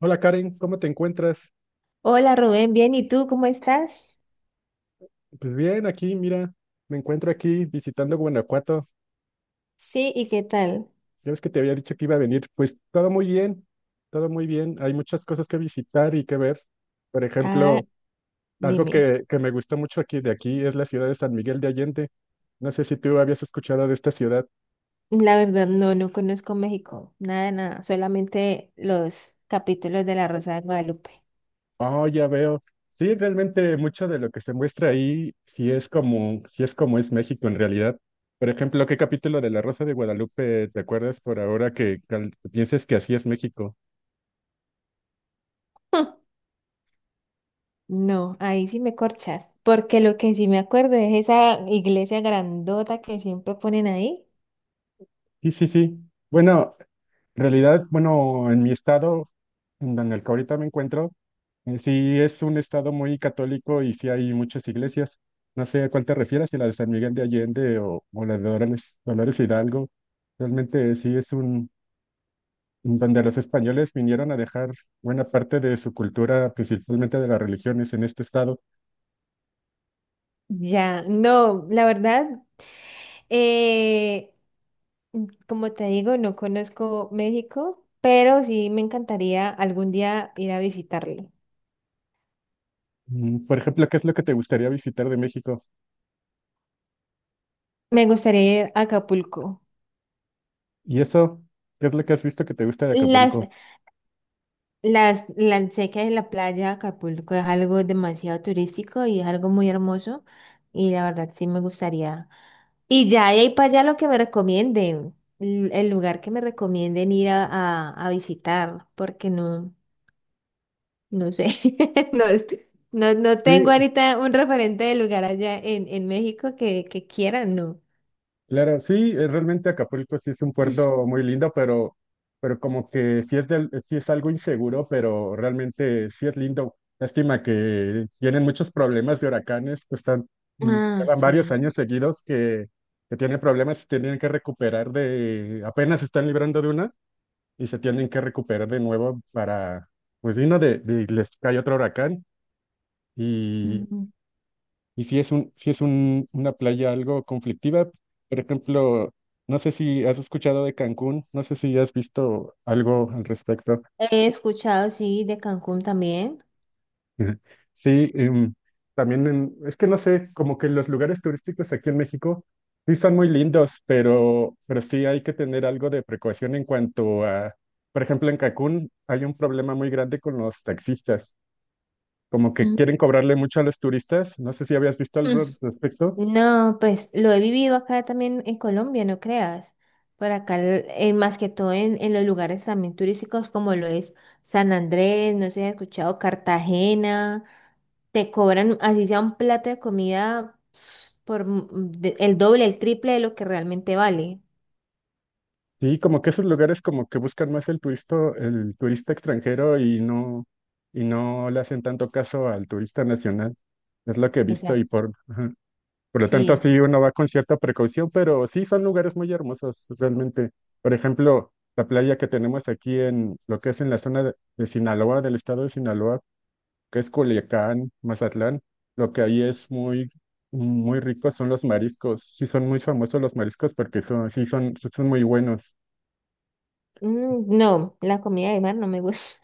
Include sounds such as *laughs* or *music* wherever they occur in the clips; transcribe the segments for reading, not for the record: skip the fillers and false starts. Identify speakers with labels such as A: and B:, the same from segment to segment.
A: Hola Karen, ¿cómo te encuentras?
B: Hola Rubén, bien, ¿y tú cómo estás?
A: Pues bien, aquí, mira, me encuentro aquí visitando Guanajuato.
B: Sí, ¿y qué tal?
A: Ya ves que te había dicho que iba a venir. Pues todo muy bien, todo muy bien. Hay muchas cosas que visitar y que ver. Por
B: Ah,
A: ejemplo, algo
B: dime.
A: que me gustó mucho aquí de aquí es la ciudad de San Miguel de Allende. No sé si tú habías escuchado de esta ciudad.
B: La verdad, no, no conozco México, nada, nada, solamente los capítulos de La Rosa de Guadalupe.
A: Oh, ya veo. Sí, realmente mucho de lo que se muestra ahí, sí es como es México en realidad. Por ejemplo, ¿qué capítulo de La Rosa de Guadalupe te acuerdas por ahora que, pienses que así es México?
B: *laughs* No, ahí sí me corchas, porque lo que sí me acuerdo es esa iglesia grandota que siempre ponen ahí.
A: Sí, sí, sí. Bueno, en realidad, bueno, en mi estado, en donde el que ahorita me encuentro, sí es un estado muy católico y sí hay muchas iglesias. No sé a cuál te refieres, si la de San Miguel de Allende o la de Dolores, Dolores Hidalgo. Realmente donde los españoles vinieron a dejar buena parte de su cultura, principalmente de las religiones, en este estado.
B: Ya, no, la verdad, eh, como te digo, no conozco México, pero sí me encantaría algún día ir a visitarlo.
A: Por ejemplo, ¿qué es lo que te gustaría visitar de México?
B: Me gustaría ir a Acapulco.
A: Y eso, ¿qué es lo que has visto que te gusta de
B: Las,
A: Acapulco?
B: las, sé que la playa de Acapulco es algo demasiado turístico y es algo muy hermoso. Y la verdad sí me gustaría. Y ya de ahí para allá lo que me recomienden, el lugar que me recomienden ir a visitar, porque no, no sé. *laughs* No, no, no
A: Sí,
B: tengo ahorita un referente de lugar allá en México que quieran, no.
A: claro, sí, realmente Acapulco sí es un puerto muy lindo, pero como que sí es algo inseguro, pero realmente sí es lindo. Lástima que tienen muchos problemas de huracanes, pues
B: Ah,
A: llevan varios
B: sí.
A: años seguidos que tienen problemas y tienen que recuperar apenas se están librando de una y se tienen que recuperar de nuevo para, pues vino de- les cae otro huracán y
B: Ujú.
A: y si es un, si es un, una playa algo conflictiva, por ejemplo, no sé si has escuchado de Cancún, no sé si has visto algo al respecto.
B: He escuchado, sí, de Cancún también.
A: Ujú. Sí, también es que no sé, como que los lugares turísticos aquí en México sí son muy lindos, pero sí hay que tener algo de precaución en cuanto a, por ejemplo, en Cancún hay un problema muy grande con los taxistas, como que quieren cobrarle mucho a los turistas, no sé si habías visto
B: Mm,
A: algo al respecto.
B: no, pues lo he vivido acá también en Colombia, no creas. Por acá, más que todo en los lugares también turísticos como lo es San Andrés, no sé si has escuchado, Cartagena, te cobran así sea un plato de comida por el doble, el triple de lo que realmente vale.
A: Sí, como que esos lugares como que buscan más el turista extranjero y no le hacen tanto caso al turista nacional. Es lo que he visto y
B: Exacto.
A: ajá. Por lo tanto,
B: Sí.
A: sí uno va con cierta precaución, pero sí son lugares muy hermosos realmente. Por ejemplo, la playa que tenemos aquí en lo que es en la zona de Sinaloa, del estado de Sinaloa, que es Culiacán, Mazatlán, lo que ahí es muy, muy rico son los mariscos. Sí son muy famosos los mariscos porque sí son muy buenos.
B: Mm, no, la comida de mar no me gusta.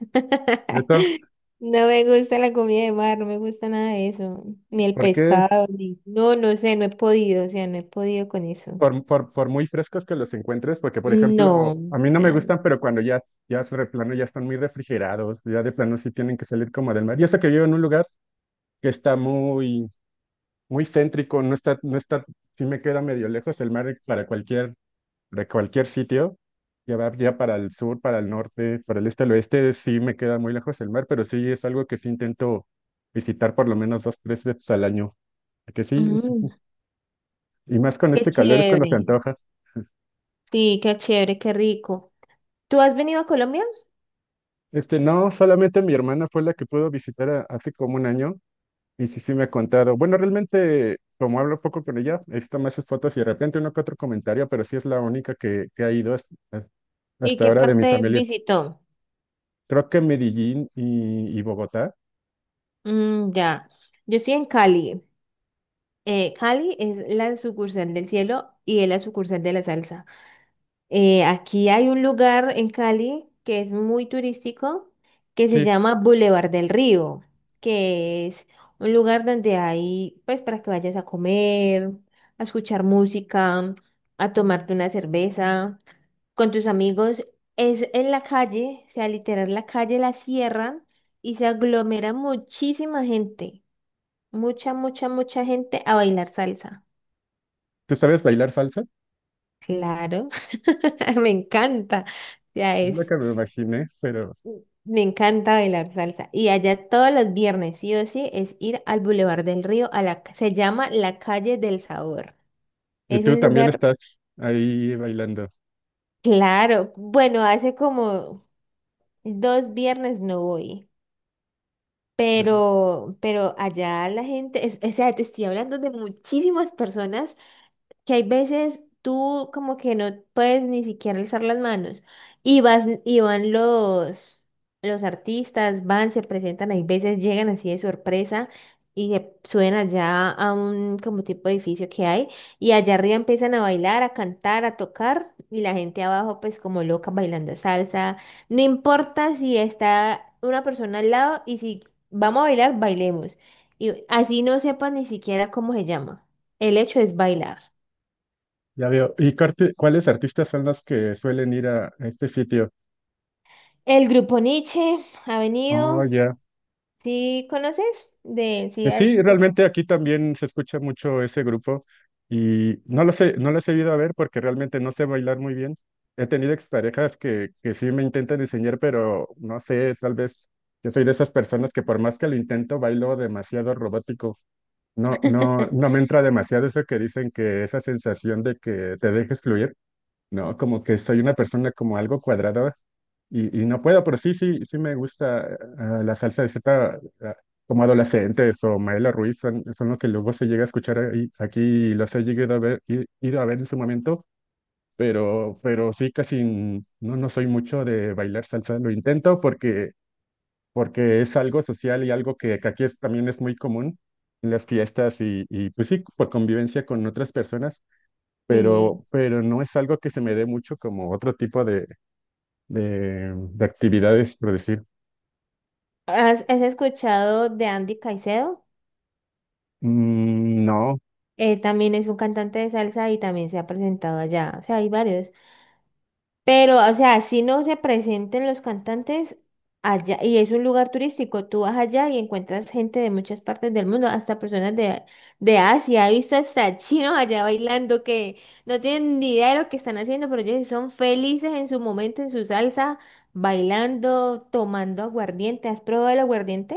A: ¿Cierto?
B: *laughs* No me gusta la comida de mar, no me gusta nada de eso. Ni el
A: Porque
B: pescado, ni no, no sé, no he podido, o sea, no he podido con eso.
A: por muy frescos que los encuentres, porque por
B: No,
A: ejemplo,
B: o
A: a mí no me
B: sea,
A: gustan, pero cuando ya, ya de plano ya están muy refrigerados, ya de plano sí tienen que salir como del mar. Y eso que vivo en un lugar que está muy, muy céntrico, no está, no está, sí me queda medio lejos el mar de cualquier sitio. Ya va ya para el sur, para el norte, para el este, el oeste, sí me queda muy lejos el mar, pero sí es algo que sí intento visitar por lo menos dos, tres veces al año. Que sí,
B: mm,
A: y más con
B: qué
A: este calor es cuando
B: chévere.
A: se antoja.
B: Sí, qué chévere, qué rico. ¿Tú has venido a Colombia?
A: Este, no, solamente mi hermana fue la que pudo visitar hace como un año y sí me ha contado. Bueno, realmente, como hablo poco con ella, he visto más sus fotos y de repente uno que otro comentario, pero sí es la única que ha ido hasta,
B: ¿Y
A: hasta
B: qué
A: ahora de mi
B: parte
A: familia.
B: visitó?
A: Creo que Medellín y Bogotá.
B: Mm, ya. Yo estoy en Cali. Cali es la sucursal del cielo y es la sucursal de la salsa. Aquí hay un lugar en Cali que es muy turístico, que se
A: Sí,
B: llama Boulevard del Río, que es un lugar donde hay, pues, para que vayas a comer, a escuchar música, a tomarte una cerveza con tus amigos. Es en la calle, o sea, literal, la calle la cierran y se aglomera muchísima gente, mucha, mucha, mucha gente a bailar salsa.
A: ¿tú sabes bailar salsa?
B: Claro, *laughs* me encanta. Ya
A: Es lo
B: es.
A: que me imaginé, pero.
B: Me encanta bailar salsa. Y allá todos los viernes, sí o sí, es ir al Boulevard del Río, a se llama la Calle del Sabor.
A: Y
B: Es
A: tú
B: un
A: también
B: lugar,
A: estás ahí bailando.
B: claro, bueno, hace como dos viernes no voy, pero, allá la gente, es, o sea, te estoy hablando de muchísimas personas que hay veces tú como que no puedes ni siquiera alzar las manos y vas y van los artistas, van, se presentan, hay veces llegan así de sorpresa y se suben allá a un como tipo de edificio que hay y allá arriba empiezan a bailar, a cantar, a tocar y la gente abajo pues como loca bailando salsa. No importa si está una persona al lado y si vamos a bailar, bailemos. Y así no sepa ni siquiera cómo se llama. El hecho es bailar.
A: Ya veo. ¿Y cuáles artistas son los que suelen ir a este sitio?
B: El grupo Nietzsche ha
A: Oh,
B: venido.
A: ya.
B: ¿Sí conoces? De, sí,
A: Sí,
B: has,
A: realmente aquí también se escucha mucho ese grupo y no lo sé, no lo he ido a ver porque realmente no sé bailar muy bien. He tenido exparejas que sí me intentan enseñar, pero no sé, tal vez yo soy de esas personas que por más que lo intento, bailo demasiado robótico. No, no, no me
B: *laughs*
A: entra demasiado eso que dicen que esa sensación de que te dejes fluir. No, como que soy una persona como algo cuadrada y no puedo, pero sí me gusta la salsa de Z como Adolescentes o Maela Ruiz, son lo que luego se llega a escuchar aquí y los he llegado a ver, ido a ver en su momento, pero sí casi no soy mucho de bailar salsa, lo intento porque es algo social y algo que aquí es, también es muy común en las fiestas y pues sí, por convivencia con otras personas
B: sí.
A: pero no es algo que se me dé mucho como otro tipo de, de actividades, por decir.
B: Has escuchado de Andy Caicedo?
A: No,
B: Él también es un cantante de salsa y también se ha presentado allá. O sea, hay varios. Pero, o sea, si no se presenten los cantantes allá, y es un lugar turístico, tú vas allá y encuentras gente de muchas partes del mundo, hasta personas de Asia, he visto hasta *laughs* chinos allá bailando que no tienen ni idea de lo que están haciendo, pero ellos son felices en su momento, en su salsa, bailando, tomando aguardiente. ¿Has probado el aguardiente?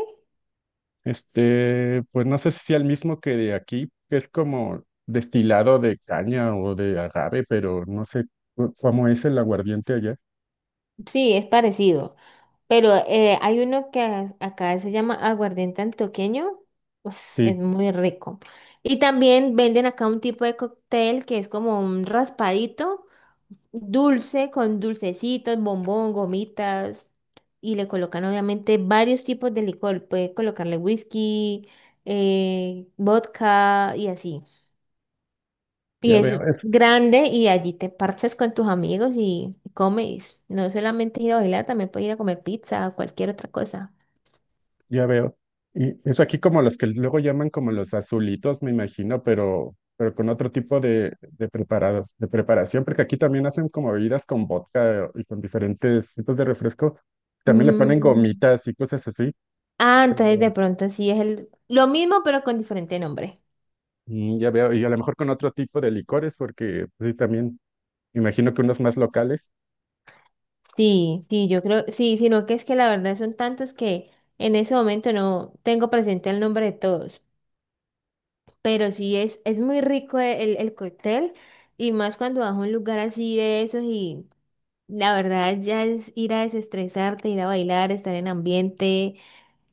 A: este, pues no sé si sea el mismo que de aquí, que es como destilado de caña o de agave, pero no sé cómo es el aguardiente allá.
B: Sí, es parecido. Pero hay uno que acá se llama aguardiente antioqueño. Uf, es
A: Sí,
B: muy rico. Y también venden acá un tipo de cóctel que es como un raspadito dulce con dulcecitos, bombón, gomitas. Y le colocan obviamente varios tipos de licor. Puede colocarle whisky, vodka y así. Y
A: ya veo.
B: es grande y allí te parchas con tus amigos y comes. No solamente ir a bailar, también puedes ir a comer pizza o cualquier otra cosa.
A: Ya veo. Y eso aquí como los que luego llaman como los azulitos, me imagino, pero con otro tipo de preparación, porque aquí también hacen como bebidas con vodka y con diferentes tipos de refresco. También le ponen
B: Mm,
A: gomitas y cosas así.
B: ah, entonces de
A: pero,
B: pronto sí es el lo mismo pero con diferente nombre.
A: mm, ya veo. Y a lo mejor con otro tipo de licores, porque pues, sí, también me imagino que unos más locales.
B: Sí, sí, yo creo, sí, sino que es que la verdad son tantos que en ese momento no tengo presente el nombre de todos, pero sí es muy rico el cóctel y más cuando vas a un lugar así de esos y la verdad ya es ir a desestresarte, ir a bailar, estar en ambiente.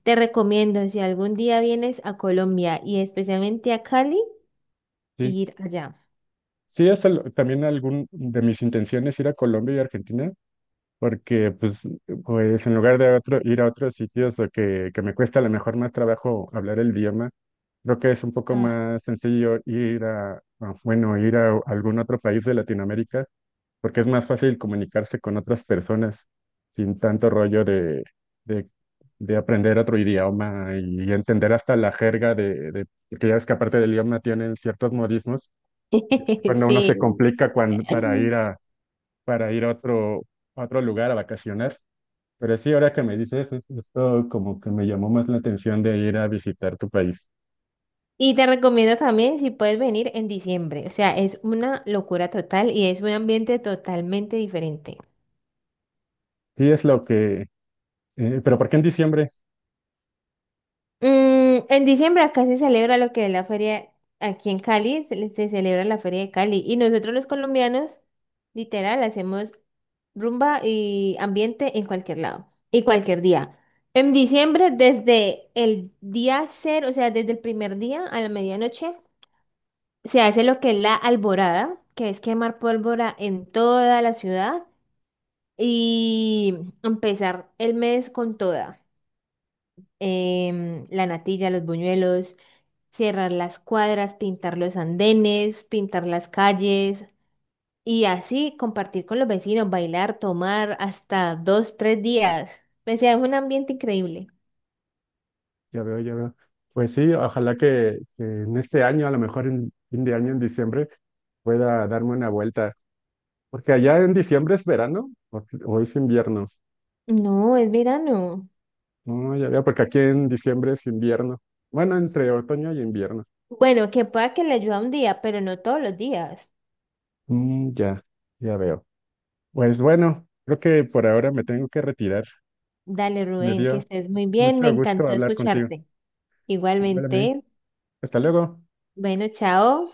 B: Te recomiendo si algún día vienes a Colombia y especialmente a Cali,
A: Sí.
B: ir allá.
A: Sí, es también algún de mis intenciones ir a Colombia y Argentina. Porque pues en lugar de otro, ir a otros sitios o que me cuesta a lo mejor más trabajo hablar el idioma, creo que es un poco más sencillo bueno, ir a algún otro país de Latinoamérica, porque es más fácil comunicarse con otras personas sin tanto rollo de, de aprender otro idioma y, entender hasta la jerga de, porque ya ves que aparte del idioma tienen ciertos modismos,
B: *laughs*
A: cuando, uno se
B: Sí.
A: complica cuando, para ir a otro lugar a vacacionar, pero sí, ahora que me dices, esto como que me llamó más la atención de ir a visitar tu país.
B: Y te recomiendo también si puedes venir en diciembre. O sea, es una locura total y es un ambiente totalmente diferente.
A: Sí, es lo que. Pero ¿por qué en diciembre?
B: Mm, en diciembre acá se celebra lo que es la feria, aquí en Cali, se celebra la feria de Cali. Y nosotros los colombianos, literal, hacemos rumba y ambiente en cualquier lado y cualquier día. En diciembre, desde el día cero, o sea, desde el primer día a la medianoche, se hace lo que es la alborada, que es quemar pólvora en toda la ciudad. Y empezar el mes con toda. La natilla, los buñuelos, cerrar las cuadras, pintar los andenes, pintar las calles y así compartir con los vecinos, bailar, tomar hasta dos, tres días. O sea, es un ambiente increíble.
A: Ya veo, ya veo. Pues sí, ojalá que en este año, a lo mejor en fin de año, en diciembre, pueda darme una vuelta. Porque allá en diciembre es verano o es invierno.
B: No, es verano.
A: No, ya veo, porque aquí en diciembre es invierno. Bueno, entre otoño y invierno.
B: Bueno, que pueda que le ayude un día, pero no todos los días.
A: Ya ya veo. Pues bueno, creo que por ahora me tengo que retirar.
B: Dale,
A: Me
B: Rubén, que
A: dio
B: estés muy bien. Me
A: mucho gusto
B: encantó
A: hablar contigo.
B: escucharte.
A: Igual a mí.
B: Igualmente.
A: Hasta luego.
B: Bueno, chao.